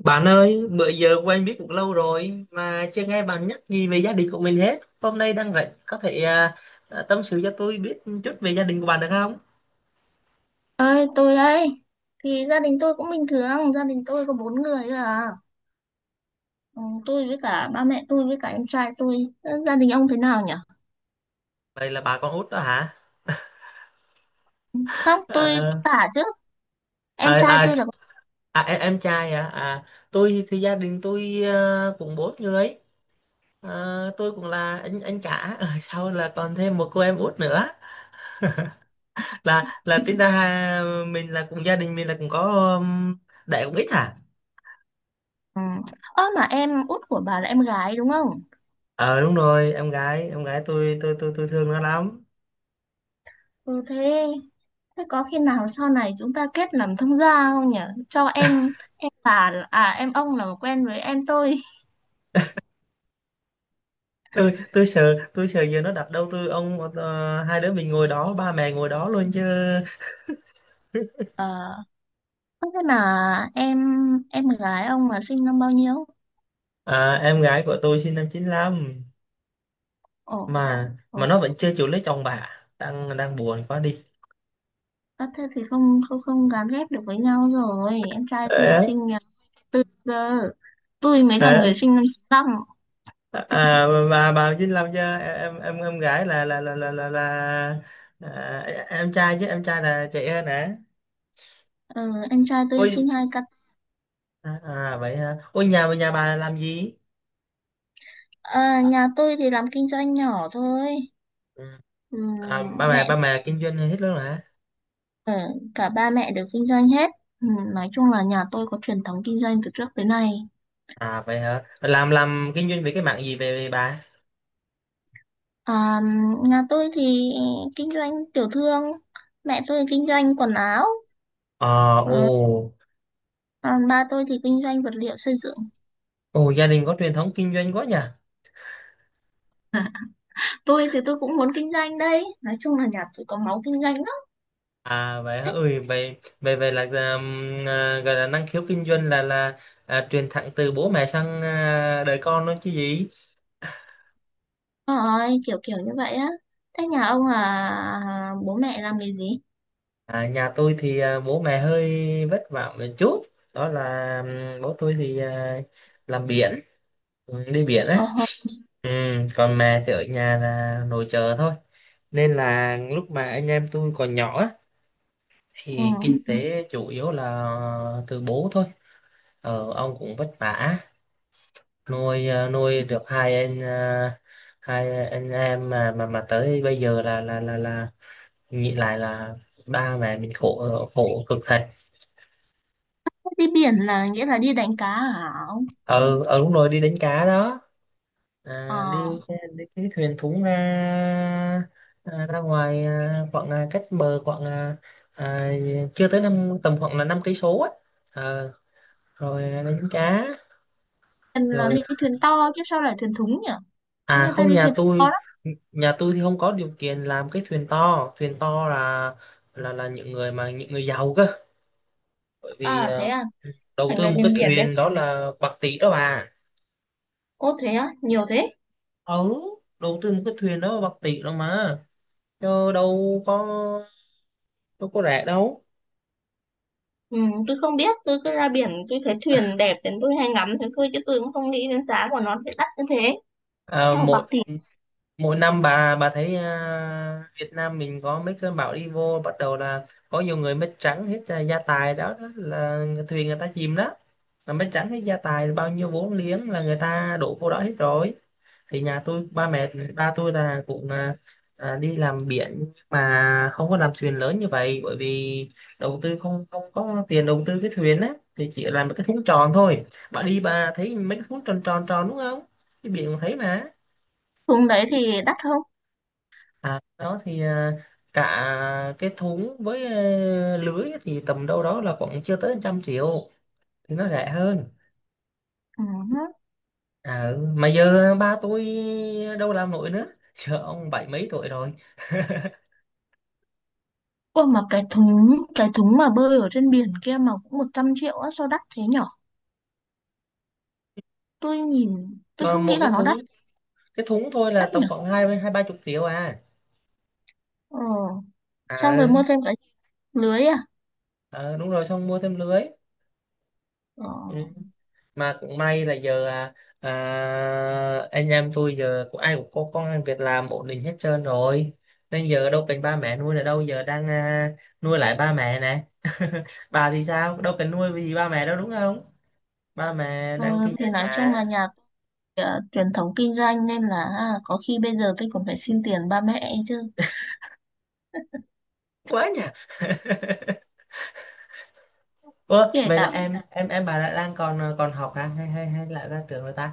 Bạn ơi, bữa giờ quen biết cũng lâu rồi mà chưa nghe bạn nhắc gì về gia đình của mình hết. Hôm nay đang rảnh, có thể tâm sự cho tôi biết chút về gia đình của bạn được không? Ơi, tôi đây. Thì gia đình tôi cũng bình thường, gia đình tôi có bốn người thôi à. Ừ, tôi với cả ba mẹ tôi với cả em trai tôi. Ờ, Gia đình ông thế nào nhỉ? Vậy là bà con út đó hả? Không, tôi Ờ. cả chứ. À, Em trai à, tôi là em trai hả? Tôi thì gia đình tôi cũng bốn người. À, tôi cũng là anh cả, Ờ, sau là còn thêm một cô em út nữa. Là tính ra mình là cùng gia đình mình là cũng có um, đẻ cũng ít hả? ừ. Ơ mà em út của bà là em gái đúng không? Ờ đúng rồi, em gái, tôi thương nó lắm. Ừ, thế thế có khi nào sau này chúng ta kết làm thông gia không nhỉ? Cho em bà, à em ông, là quen với em tôi. Tôi sợ, tôi sợ giờ nó đặt đâu tôi ông hai đứa mình ngồi đó, ba mẹ ngồi đó luôn chứ. Ờ, Thế là em gái ông là sinh năm bao nhiêu? Em gái của tôi sinh năm 95, mà Ồ. mà nó vẫn chưa chịu lấy chồng bà. Đang đang buồn quá đi. Ơ thế thì không không không gán ghép được với nhau rồi. Em trai tôi Ờ, sinh nhà tư cơ. Tôi mới là ờ. người sinh năm 95. Bà 95 chứ em gái là em trai, chứ em trai là trẻ hơn hả? Ừ, em trai tôi Ôi. sinh hai cặp. Vậy hả? Ôi, nhà nhà bà làm gì? À, nhà tôi thì làm kinh doanh nhỏ thôi. Ừ. Ừ, ba mẹ mẹ ba mẹ kinh doanh hết luôn hả? ừ, cả ba mẹ đều kinh doanh hết. Ừ, nói chung là nhà tôi có truyền thống kinh doanh từ trước tới nay. À vậy hả? Làm kinh doanh về cái mảng gì, về bà? À, nhà tôi thì kinh doanh tiểu thương. Mẹ tôi kinh doanh quần áo. Ờ ồ, Ừ, còn ba tôi thì kinh doanh vật liệu xây dựng. ồ gia đình có truyền thống kinh doanh quá nhỉ. Tôi thì tôi cũng muốn kinh doanh đây, nói chung là nhà tôi có máu kinh doanh lắm. À vậy hả? Thích Ui, vậy vậy vậy là gọi là năng khiếu kinh doanh truyền thẳng từ bố mẹ sang đời con đó chứ gì. rồi, kiểu kiểu như vậy á. Thế nhà ông là bố mẹ làm nghề gì? Nhà tôi thì bố mẹ hơi vất vả một chút. Đó là bố tôi thì làm biển, ừ, đi biển á. Ờ, Ừ, còn mẹ thì ở nhà là nội trợ thôi. Nên là lúc mà anh em tôi còn nhỏ á, ừ. thì kinh tế chủ yếu là từ bố thôi. Ông cũng vất vả nuôi, nuôi được hai anh em mà tới bây giờ là nghĩ lại là ba mẹ mình khổ khổ cực thật. Thế đi biển là nghĩa là đi đánh cá hả ông? Ờ Đúng rồi, đi đánh cá đó. Ờ. Đi đi cái thuyền thúng ra, ra ngoài, khoảng, cách bờ khoảng à, chưa tới năm, tầm khoảng là 5 cây số á. Ờ, rồi đánh cá Thuyền là rồi. Ừ. đi thuyền to chứ sao lại thuyền thúng nhỉ? Thế À người ta không, đi thuyền to lắm. nhà tôi thì không có điều kiện làm cái thuyền to. Thuyền to là những người giàu cơ, bởi vì À thế à? đầu Thành tư ra một cái bên biển đấy. thuyền đó là bạc tỷ đó bà. Ô thế á, nhiều thế. Ừ, đầu tư một cái thuyền đó là bạc tỷ đó mà, chứ đâu có rẻ đâu. Ừ, tôi không biết, tôi cứ ra biển tôi thấy thuyền đẹp đến tôi hay ngắm thế thôi chứ tôi cũng không nghĩ đến giá của nó sẽ đắt như thế. Theo bạc Mỗi tỷ. mỗi năm bà thấy Việt Nam mình có mấy cơn bão đi vô, bắt đầu là có nhiều người mất trắng hết gia tài đó, đó là thuyền người ta chìm đó, là mấy tráng hết gia tài bao nhiêu vốn liếng là người ta đổ vô đó hết rồi. Thì nhà tôi, ba tôi là cũng đi làm biển nhưng mà không có làm thuyền lớn như vậy, bởi vì đầu tư không không có tiền đầu tư cái thuyền á. Thì chỉ làm một cái thúng tròn thôi. Bà đi bà thấy mấy cái thúng tròn tròn tròn đúng không? Cái biển cũng thấy mà. Xuống đấy thì đắt không? Đó thì cả cái thúng với lưới thì tầm đâu đó là khoảng chưa tới 100 triệu, thì nó rẻ hơn. Ừ. À, ừ. Mà giờ ba tôi đâu làm nổi nữa giờ ông bảy mấy tuổi rồi. Ôi mà cái thúng mà bơi ở trên biển kia mà cũng 100 triệu á, sao đắt thế nhở? Tôi nhìn tôi Ờ, không nghĩ một là nó đắt. Cái thúng thôi là Đắt tầm nhở. khoảng hai hai ba chục triệu. Ờ. Xong À rồi ừ. mua thêm cái lưới à? Ờ, đúng rồi xong mua thêm lưới. Ờ. Ừ. Mà cũng may là giờ anh em tôi giờ cũng ai cũng có công ăn việc làm ổn định hết trơn rồi, nên giờ đâu cần ba mẹ nuôi nữa đâu, giờ đang nuôi lại ba mẹ nè bà thì sao đâu cần nuôi vì ba mẹ đâu đúng không, ba mẹ ờ đang kinh thì doanh nói chung mà. là nhà tôi, à, truyền thống kinh doanh nên là, à, có khi bây giờ tôi còn phải xin tiền ba mẹ ấy chứ. quá nhỉ. Ủa, Kể vậy là cả, em bà đang còn còn học hả, hay hay hay lại ra trường rồi ta?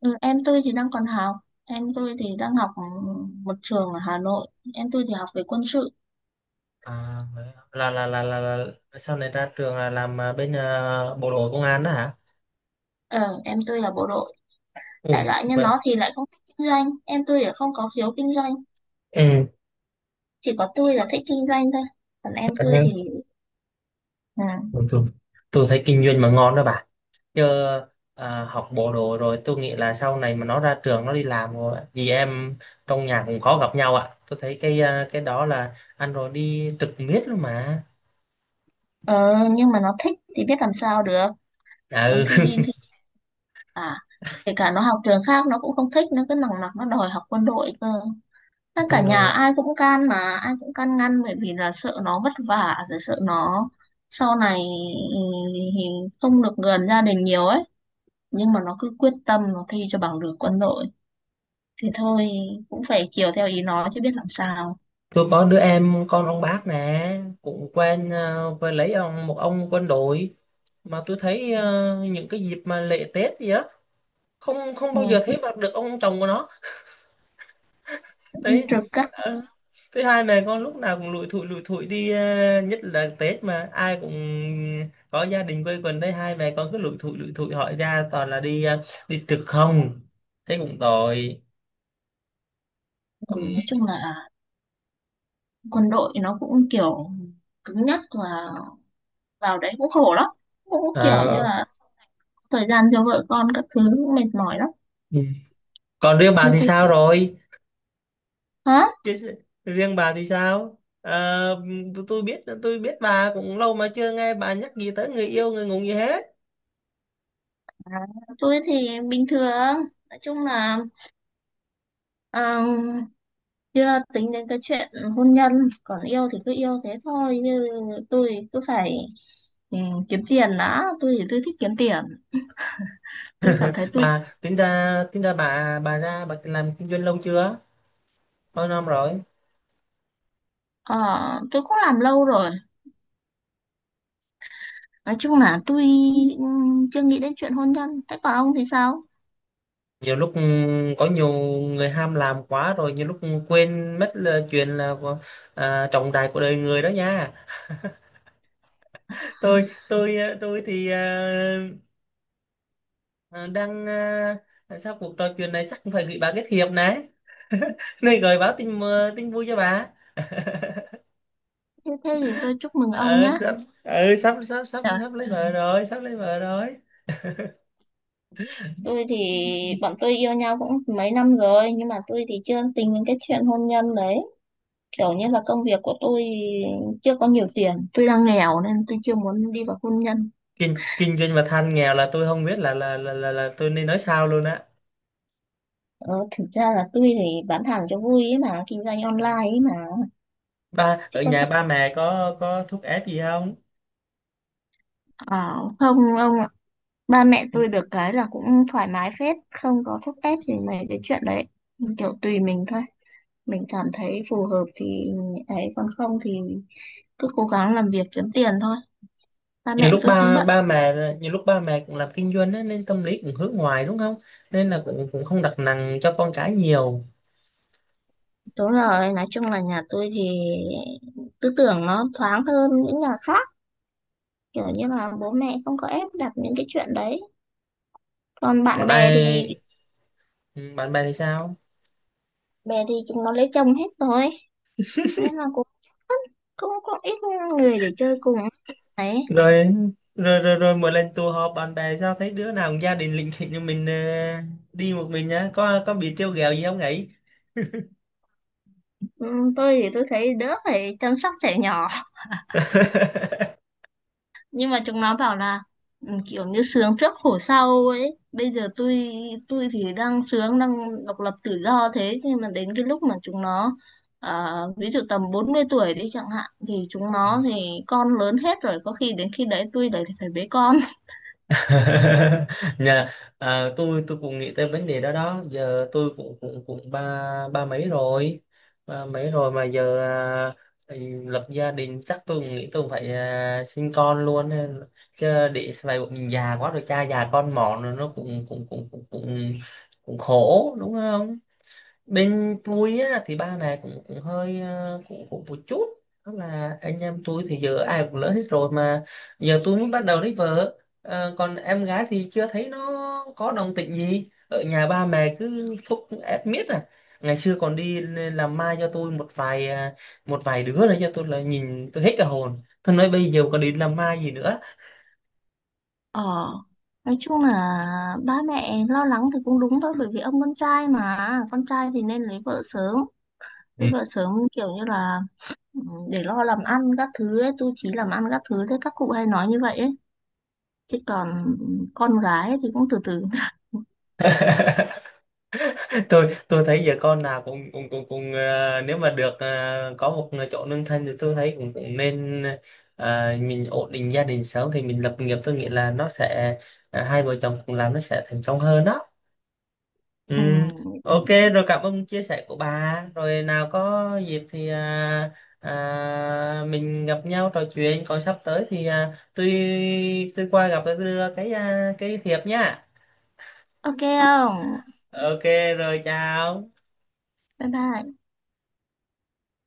ừ, em tôi thì đang còn học. Em tôi thì đang học, một trường ở Hà Nội. Em tôi thì học về quân sự. À, vậy hả? Là Sau này ra trường là làm bên bộ đội công an đó hả? Ờ, em tôi là bộ đội. Đại Ồ, loại như vậy. nó thì lại không thích kinh doanh, em tôi lại không có khiếu kinh doanh. Ừ. Chỉ có tôi là thích kinh doanh thôi. Còn em tôi thì anh ừ. Tôi, tôi thấy kinh doanh mà ngon đó bà. Chứ học bộ đội rồi tôi nghĩ là sau này mà nó ra trường nó đi làm rồi á, chị em trong nhà cũng khó gặp nhau ạ. Tôi thấy cái cái đó là anh rồi đi trực miết luôn mà. Ờ, nhưng mà nó thích thì biết làm sao được. À, Nó ừ. thi đi thì, à kể cả nó học trường khác nó cũng không thích, nó cứ nòng nọc nó đòi học quân đội cơ. Tất cả Con nhà đồ. ai cũng can mà. Ai cũng can ngăn bởi vì là sợ nó vất vả, rồi sợ nó sau này, ừ, không được gần gia đình nhiều ấy. Nhưng mà nó cứ quyết tâm nó thi cho bằng được quân đội, thì thôi cũng phải chiều theo ý nó chứ biết làm sao. Tôi có đứa em con ông bác nè, cũng quen với lấy một ông quân đội, mà tôi thấy những cái dịp mà lễ Tết gì á, không không Ừ, bao giờ thấy mặt được ông chồng của nó đi thế. trực các ờ, Thứ hai mẹ con lúc nào cũng lủi thủi đi, nhất là Tết mà ai cũng có gia đình quây quần, thấy hai mẹ con cứ lủi thủi lủi thủi, hỏi ra toàn là đi đi trực không, thế cũng tội. thứ. Ừm. Nói chung là quân đội nó cũng kiểu cứng nhắc, và vào đấy cũng khổ lắm, cũng kiểu như ờ, là thời gian cho vợ con các thứ cũng mệt mỏi lắm. ừm. Còn đứa bà Như thì tôi. sao rồi? Hả? Chứ s- Riêng bà thì sao? Ờ, tôi biết bà cũng lâu mà chưa nghe bà nhắc gì tới người yêu người ngủ gì hết. À, tôi thì bình thường, nói chung là, ờ, chưa tính đến cái chuyện hôn nhân. Còn yêu thì cứ yêu thế thôi, như tôi cứ phải, ừ, kiếm tiền đã, tôi thì tôi thích kiếm tiền. Tôi cảm thấy tôi, Bà tính ra bà bà làm kinh doanh lâu chưa? Bao năm rồi? ờ, tôi cũng làm lâu rồi. Nói chung là tôi, ừ, chưa nghĩ đến chuyện hôn nhân. Thế còn ông thì sao? Nhiều lúc có nhiều người ham làm quá rồi, nhiều lúc quên mất là chuyện là trọng đại của đời người đó nha. Tôi thì ờ, đang, sau cuộc trò chuyện này chắc cũng phải gửi bà kết hiệp này. Này gửi báo tin vui cho bà. Thế thế thì tôi chúc mừng ông ờ, nhá. sắp, sắp sắp sắp sắp lấy vợ rồi, sắp lấy vợ rồi. Tôi thì bọn tôi yêu nhau cũng mấy năm rồi, nhưng mà tôi thì chưa tính đến cái chuyện hôn nhân đấy. Kiểu như là công việc của tôi chưa có nhiều tiền, tôi đang nghèo nên tôi chưa muốn đi vào hôn nhân. Kinh Kinh doanh mà than nghèo là tôi không biết là tôi nên nói sao luôn á. Ờ, thực ra là tôi thì bán hàng cho vui ấy mà, kinh doanh Ờ. online ấy mà. Chứ Ở có nhà phải. ba mẹ có thúc ép gì không? Ờ, không ông ạ. Ba mẹ tôi được cái là cũng thoải mái phết, không có thúc ép gì mấy cái chuyện đấy. Kiểu tùy mình thôi. Mình cảm thấy phù hợp thì ấy, còn không thì cứ cố gắng làm việc kiếm tiền thôi, ba nhiều mẹ lúc tôi cũng ba bận. ba mẹ Nhiều lúc ba mẹ cũng làm kinh doanh á, nên tâm lý cũng hướng ngoài đúng không, nên là cũng cũng không đặt nặng cho con cái nhiều. Đúng rồi, nói chung là nhà tôi thì tư tưởng nó thoáng hơn những nhà khác, kiểu như là bố mẹ không có ép đặt những cái chuyện đấy. Còn bạn còn bè thì ai Bạn bè thì sao? Chúng nó lấy chồng hết rồi, nên là cũng cũng cũng ít người để chơi cùng ấy. Rồi, rồi, rồi, rồi, mỗi lần tụ họp bạn bè sao thấy đứa nào cũng gia đình lịnh thịnh như mình, đi một mình nhá, có bị trêu ghẹo gì không ấy? Tôi thì tôi thấy đỡ phải chăm sóc trẻ nhỏ, nhưng mà chúng nó bảo là, kiểu như sướng trước khổ sau ấy. Bây giờ tôi thì đang sướng, đang độc lập tự do, thế nhưng mà đến cái lúc mà chúng nó, ví dụ tầm 40 tuổi đi chẳng hạn, thì chúng Ừ. nó thì con lớn hết rồi, có khi đến khi đấy tôi lại phải bế con. nhà tôi cũng nghĩ tới vấn đề đó. Đó giờ tôi cũng cũng cũng ba ba mấy rồi, mà giờ à, ừ, lập gia đình chắc tôi cũng nghĩ tôi cũng phải sinh con luôn chứ để sau này bọn mình già quá rồi cha già con mòn rồi, nó cũng cũng cũng cũng cũng, cũng khổ đúng không? Bên tôi á, thì ba mẹ cũng cũng hơi cũng cũng một chút. Đó là anh em tôi thì giờ ai cũng lớn hết rồi mà giờ tôi mới bắt đầu lấy vợ. Ờ, còn em gái thì chưa thấy nó có đồng tịnh gì, ở nhà ba mẹ cứ thúc ép miết à. Ngày xưa còn đi làm mai cho tôi một vài đứa nữa cho tôi là nhìn tôi hết cả hồn, tôi nói bây giờ còn đi làm mai gì nữa. ờ nói chung là ba mẹ lo lắng thì cũng đúng thôi, bởi vì ông con trai mà, con trai thì nên lấy vợ sớm, lấy vợ sớm kiểu như là, ừ, để lo làm ăn các thứ ấy, tu chí làm ăn các thứ đấy, các cụ hay nói như vậy ấy. Chứ còn con gái thì cũng từ từ. Tôi thấy giờ con nào cũng cũng cũng cũng nếu mà được có một chỗ nương thân thì tôi thấy cũng cũng nên mình ổn định gia đình sớm thì mình lập nghiệp, tôi nghĩ là nó sẽ hai vợ chồng cùng làm nó sẽ thành công hơn đó. Ừ. Ừ, Ok, rồi cảm ơn chia sẻ của bà, rồi nào có dịp thì mình gặp nhau trò chuyện. Còn sắp tới thì tôi qua gặp, tôi đưa cái thiệp nhá. ok không, Ok, rồi chào. bye bye.